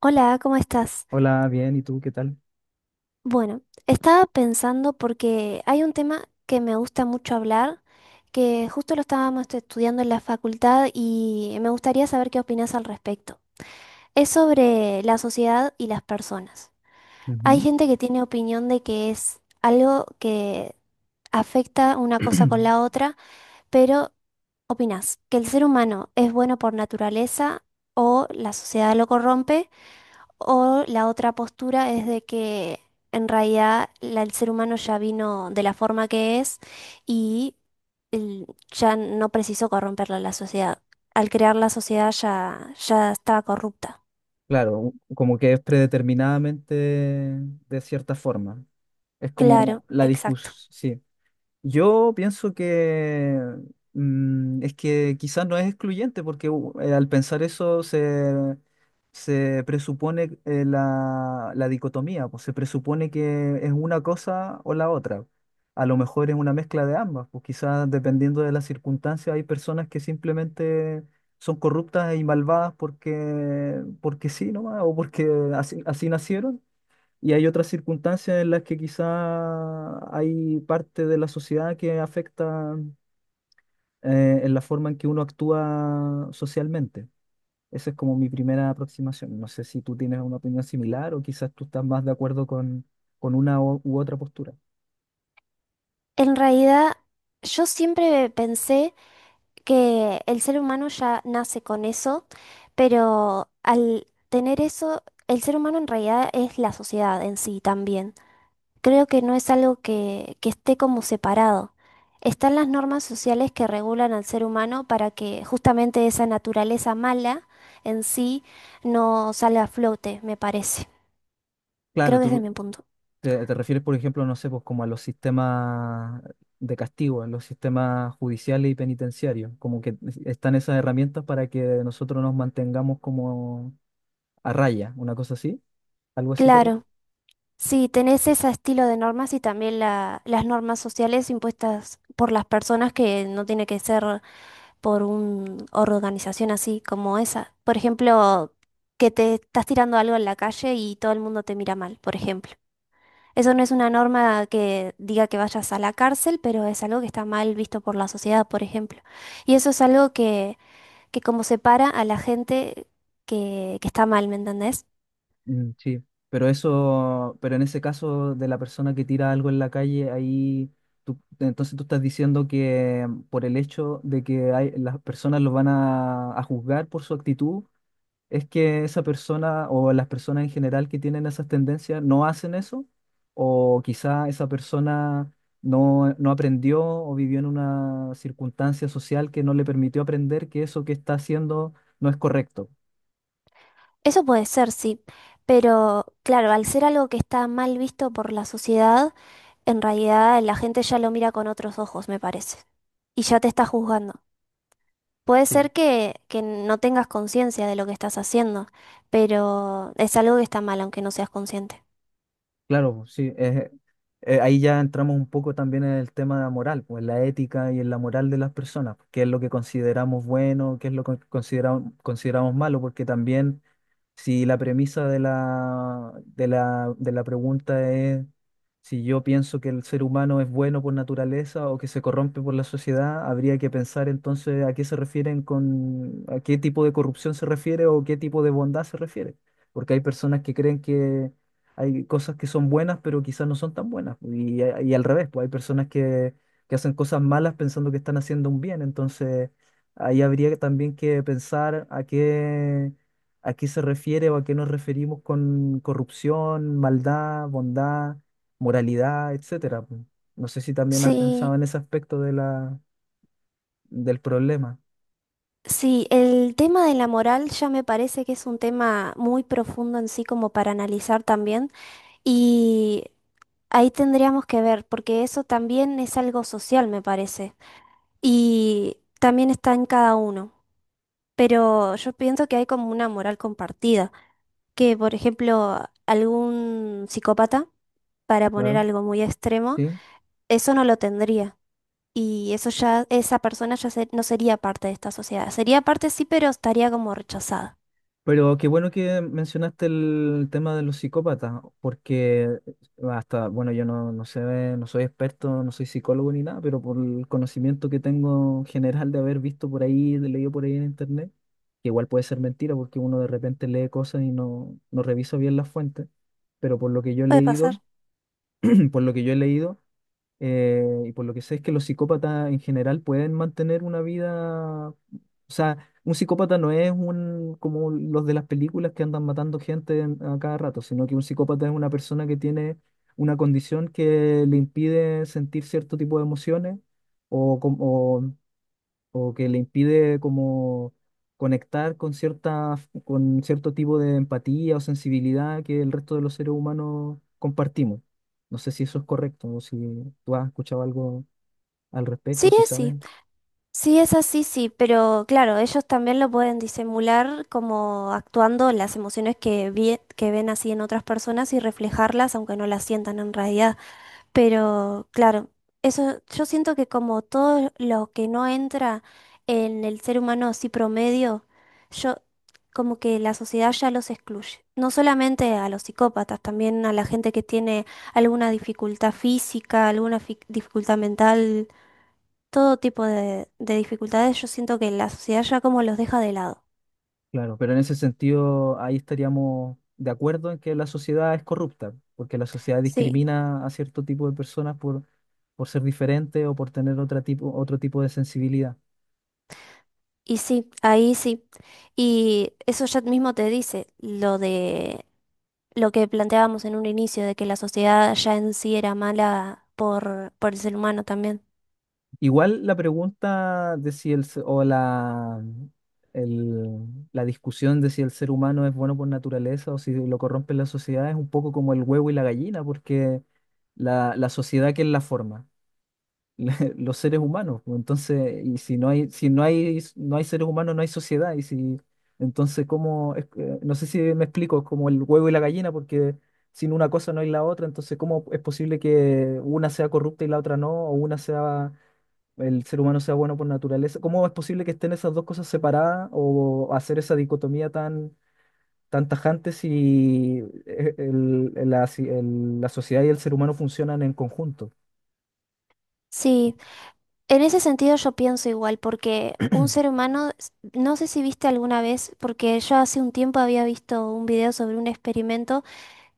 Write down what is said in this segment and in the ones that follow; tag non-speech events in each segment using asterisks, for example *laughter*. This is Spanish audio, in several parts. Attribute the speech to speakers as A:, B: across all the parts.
A: Hola, ¿cómo estás?
B: Hola, bien, ¿y tú qué tal?
A: Bueno, estaba pensando porque hay un tema que me gusta mucho hablar, que justo lo estábamos estudiando en la facultad y me gustaría saber qué opinas al respecto. Es sobre la sociedad y las personas. Hay
B: Ujú.
A: gente que tiene opinión de que es algo que afecta una cosa con la
B: *clears throat*
A: otra, pero ¿opinas que el ser humano es bueno por naturaleza o la sociedad lo corrompe? O la otra postura es de que en realidad el ser humano ya vino de la forma que es y el- ya no precisó corromperla la sociedad. Al crear la sociedad ya estaba corrupta.
B: Claro, como que es predeterminadamente de cierta forma. Es
A: Claro,
B: como la
A: exacto.
B: discusión, sí. Yo pienso que es que quizás no es excluyente porque al pensar eso se, se presupone la dicotomía, pues se presupone que es una cosa o la otra. A lo mejor es una mezcla de ambas, pues quizás dependiendo de las circunstancias hay personas que simplemente son corruptas y malvadas porque sí nomás o porque así, así nacieron y hay otras circunstancias en las que quizá hay parte de la sociedad que afecta en la forma en que uno actúa socialmente. Esa es como mi primera aproximación. No sé si tú tienes una opinión similar o quizás tú estás más de acuerdo con una u otra postura.
A: En realidad, yo siempre pensé que el ser humano ya nace con eso, pero al tener eso, el ser humano en realidad es la sociedad en sí también. Creo que no es algo que esté como separado. Están las normas sociales que regulan al ser humano para que justamente esa naturaleza mala en sí no salga a flote, me parece.
B: Claro,
A: Creo que ese es
B: tú
A: mi punto.
B: te, te refieres, por ejemplo, no sé, pues como a los sistemas de castigo, a los sistemas judiciales y penitenciarios, como que están esas herramientas para que nosotros nos mantengamos como a raya, una cosa así. Algo así, terror.
A: Claro, sí, tenés ese estilo de normas y también las normas sociales impuestas por las personas que no tiene que ser por una organización así como esa. Por ejemplo, que te estás tirando algo en la calle y todo el mundo te mira mal, por ejemplo. Eso no es una norma que diga que vayas a la cárcel, pero es algo que está mal visto por la sociedad, por ejemplo. Y eso es algo que como separa a la gente que está mal, ¿me entendés?
B: Mm, sí, pero eso, pero en ese caso de la persona que tira algo en la calle, ahí tú, entonces tú estás diciendo que por el hecho de que hay, las personas los van a juzgar por su actitud, es que esa persona o las personas en general que tienen esas tendencias no hacen eso, o quizá esa persona no aprendió o vivió en una circunstancia social que no le permitió aprender que eso que está haciendo no es correcto.
A: Eso puede ser, sí. Pero claro, al ser algo que está mal visto por la sociedad, en realidad la gente ya lo mira con otros ojos, me parece. Y ya te está juzgando. Puede
B: Sí.
A: ser que no tengas conciencia de lo que estás haciendo, pero es algo que está mal, aunque no seas consciente.
B: Claro, sí, ahí ya entramos un poco también en el tema de la moral, pues en la ética y en la moral de las personas, pues, qué es lo que consideramos bueno, qué es lo que consideramos malo, porque también si la premisa de la pregunta es si yo pienso que el ser humano es bueno por naturaleza o que se corrompe por la sociedad, habría que pensar entonces a qué se refieren con, a qué tipo de corrupción se refiere o qué tipo de bondad se refiere. Porque hay personas que creen que hay cosas que son buenas, pero quizás no son tan buenas. Y al revés, pues hay personas que hacen cosas malas pensando que están haciendo un bien. Entonces, ahí habría también que pensar a qué se refiere o a qué nos referimos con corrupción, maldad, bondad, moralidad, etcétera. Po. No sé si también has pensado
A: Sí.
B: en ese aspecto de la, del problema,
A: Sí, el tema de la moral ya me parece que es un tema muy profundo en sí como para analizar también y ahí tendríamos que ver porque eso también es algo social me parece y también está en cada uno, pero yo pienso que hay como una moral compartida, que por ejemplo algún psicópata, para poner
B: claro,
A: algo muy extremo,
B: ¿sí?
A: eso no lo tendría. Y eso ya, esa persona ya no sería parte de esta sociedad. Sería parte sí, pero estaría como rechazada.
B: Pero qué bueno que mencionaste el tema de los psicópatas, porque hasta, bueno, yo no sé, no soy experto, no soy psicólogo ni nada, pero por el conocimiento que tengo general de haber visto por ahí, de leído por ahí en internet, que igual puede ser mentira porque uno de repente lee cosas y no revisa bien las fuentes, pero por lo que yo he
A: Puede
B: leído,
A: pasar.
B: *clears throat* por lo que yo he leído, y por lo que sé es que los psicópatas en general pueden mantener una vida, o sea, un psicópata no es un como los de las películas que andan matando gente a cada rato, sino que un psicópata es una persona que tiene una condición que le impide sentir cierto tipo de emociones o que le impide como conectar con cierta, con cierto tipo de empatía o sensibilidad que el resto de los seres humanos compartimos. No sé si eso es correcto o si tú has escuchado algo al respecto,
A: Sí,
B: si
A: es sí.
B: sabes.
A: Sí, es así, sí. Pero claro, ellos también lo pueden disimular como actuando las emociones que, que ven así en otras personas y reflejarlas, aunque no las sientan en realidad. Pero claro, eso yo siento que como todo lo que no entra en el ser humano así promedio, yo como que la sociedad ya los excluye. No solamente a los psicópatas, también a la gente que tiene alguna dificultad física, alguna dificultad mental todo tipo de dificultades, yo siento que la sociedad ya como los deja de lado.
B: Claro, pero en ese sentido ahí estaríamos de acuerdo en que la sociedad es corrupta, porque la sociedad
A: Sí,
B: discrimina a cierto tipo de personas por ser diferente o por tener otra tipo, otro tipo de sensibilidad.
A: y sí, ahí sí. Y eso ya mismo te dice lo de lo que planteábamos en un inicio, de que la sociedad ya en sí era mala por el ser humano también.
B: Igual la pregunta de si el, se- o la, el- la discusión de si el ser humano es bueno por naturaleza o si lo corrompe la sociedad es un poco como el huevo y la gallina, porque la sociedad que es la forma. *laughs* los seres humanos. Pues, Entonces, y si no hay, no hay seres humanos, no hay sociedad. Y si, entonces, ¿cómo? No sé si me explico, es como el huevo y la gallina, porque sin una cosa no hay la otra. Entonces, ¿cómo es posible que una sea corrupta y la otra no? O una sea, el ser humano sea bueno por naturaleza. ¿Cómo es posible que estén esas dos cosas separadas o hacer esa dicotomía tan, tan tajante si si la sociedad y el ser humano funcionan en conjunto?
A: Sí, en ese sentido yo pienso igual, porque un ser humano, no sé si viste alguna vez, porque yo hace un tiempo había visto un video sobre un experimento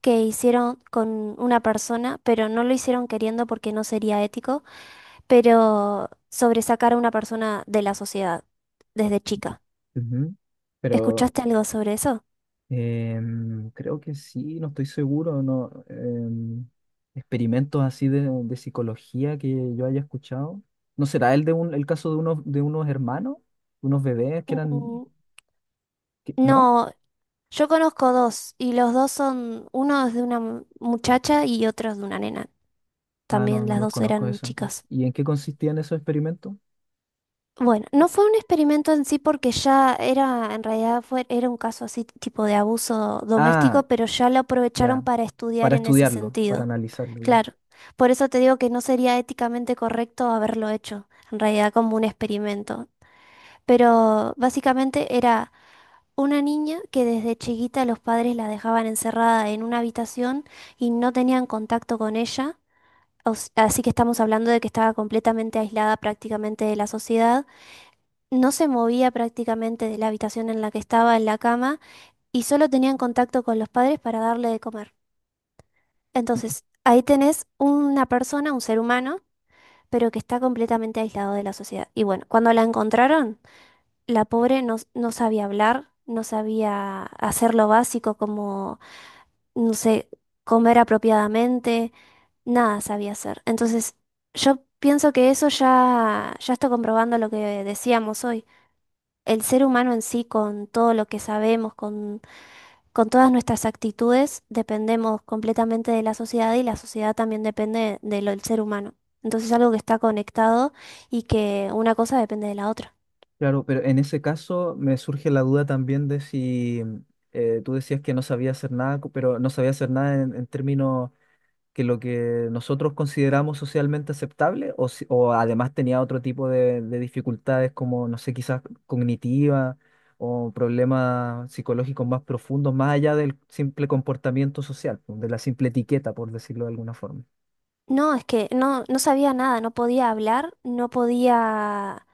A: que hicieron con una persona, pero no lo hicieron queriendo porque no sería ético, pero sobre sacar a una persona de la sociedad desde chica.
B: Ujú. Pero
A: ¿Escuchaste algo sobre eso?
B: Creo que sí, no estoy seguro, no. Experimentos así de psicología que yo haya escuchado. ¿No será el de un, el caso de unos hermanos, unos bebés que eran,
A: Mm,
B: ¿no?
A: No, yo conozco dos y los dos son, uno es de una muchacha y otro es de una nena.
B: Ah, no,
A: También
B: no
A: las
B: los
A: dos
B: conozco
A: eran
B: eso entonces.
A: chicas.
B: ¿Y en qué consistían esos experimentos?
A: Bueno, no fue un experimento en sí porque ya era, en realidad era un caso así tipo de abuso
B: Ah,
A: doméstico, pero ya lo aprovecharon
B: ya,
A: para estudiar
B: para
A: en ese
B: estudiarlo, para
A: sentido.
B: analizarlo ya.
A: Claro, por eso te digo que no sería éticamente correcto haberlo hecho, en realidad como un experimento. Pero básicamente era una niña que desde chiquita los padres la dejaban encerrada en una habitación y no tenían contacto con ella. O Así que estamos hablando de que estaba completamente aislada prácticamente de la sociedad, no se movía prácticamente de la habitación en la que estaba en la cama y solo tenían contacto con los padres para darle de comer. Entonces, ahí tenés una persona, un ser humano, pero que está completamente aislado de la sociedad. Y bueno, cuando la encontraron, la pobre no sabía hablar, no sabía hacer lo básico como, no sé, comer apropiadamente, nada sabía hacer. Entonces, yo pienso que eso ya está comprobando lo que decíamos hoy. El ser humano en sí, con todo lo que sabemos, con todas nuestras actitudes, dependemos completamente de la sociedad y la sociedad también depende de lo del ser humano. Entonces es algo que está conectado y que una cosa depende de la otra.
B: Claro, pero en ese caso me surge la duda también de si tú decías que no sabía hacer nada, pero no sabía hacer nada en términos que lo que nosotros consideramos socialmente aceptable o, o además tenía otro tipo de dificultades como, no sé, quizás cognitivas o problemas psicológicos más profundos, más allá del simple comportamiento social, pues, de la simple etiqueta, por decirlo de alguna forma.
A: No, es que no sabía nada, no podía hablar, no podía,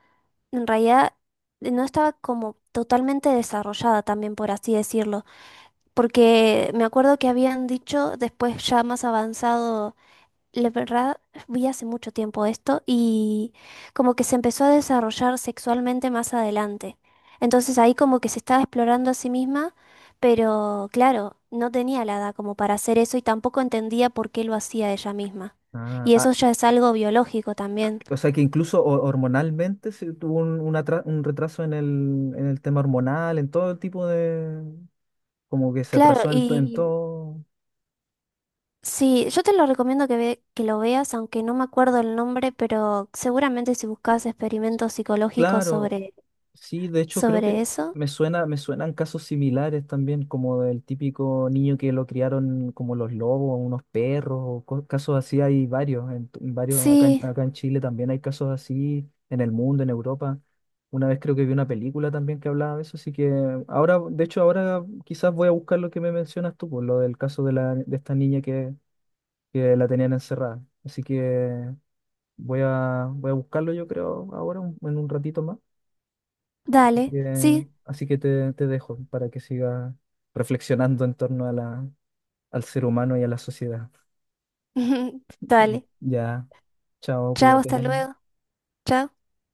A: en realidad no estaba como totalmente desarrollada también, por así decirlo, porque me acuerdo que habían dicho después ya más avanzado la verdad, vi hace mucho tiempo esto y como que se empezó a desarrollar sexualmente más adelante. Entonces ahí como que se estaba explorando a sí misma, pero claro, no tenía la edad como para hacer eso y tampoco entendía por qué lo hacía ella misma.
B: Ah,
A: Y eso
B: ah,
A: ya es algo biológico también.
B: o sea que incluso hormonalmente se tuvo un, un retraso en el tema hormonal, en todo el tipo de, como que se
A: Claro,
B: atrasó en, en
A: y
B: todo.
A: sí, yo te lo recomiendo que lo veas, aunque no me acuerdo el nombre, pero seguramente si buscas experimentos psicológicos
B: Claro,
A: sobre,
B: sí, de hecho creo que
A: sobre eso.
B: me suenan casos similares también, como del típico niño que lo criaron como los lobos, unos perros, o casos así hay varios, en varios acá, en
A: Sí,
B: acá en Chile también hay casos así, en el mundo, en Europa. Una vez creo que vi una película también que hablaba de eso, así que ahora, de hecho ahora quizás voy a buscar lo que me mencionas tú, por lo del caso de la, de esta niña que la tenían encerrada. Así que voy a buscarlo yo creo ahora, en un ratito más. Así
A: dale,
B: que,
A: sí.
B: te dejo para que sigas reflexionando en torno a la, al ser humano y a la sociedad.
A: *laughs* Dale.
B: Ya, chao,
A: Chao, hasta
B: cuídate.
A: luego. Chao.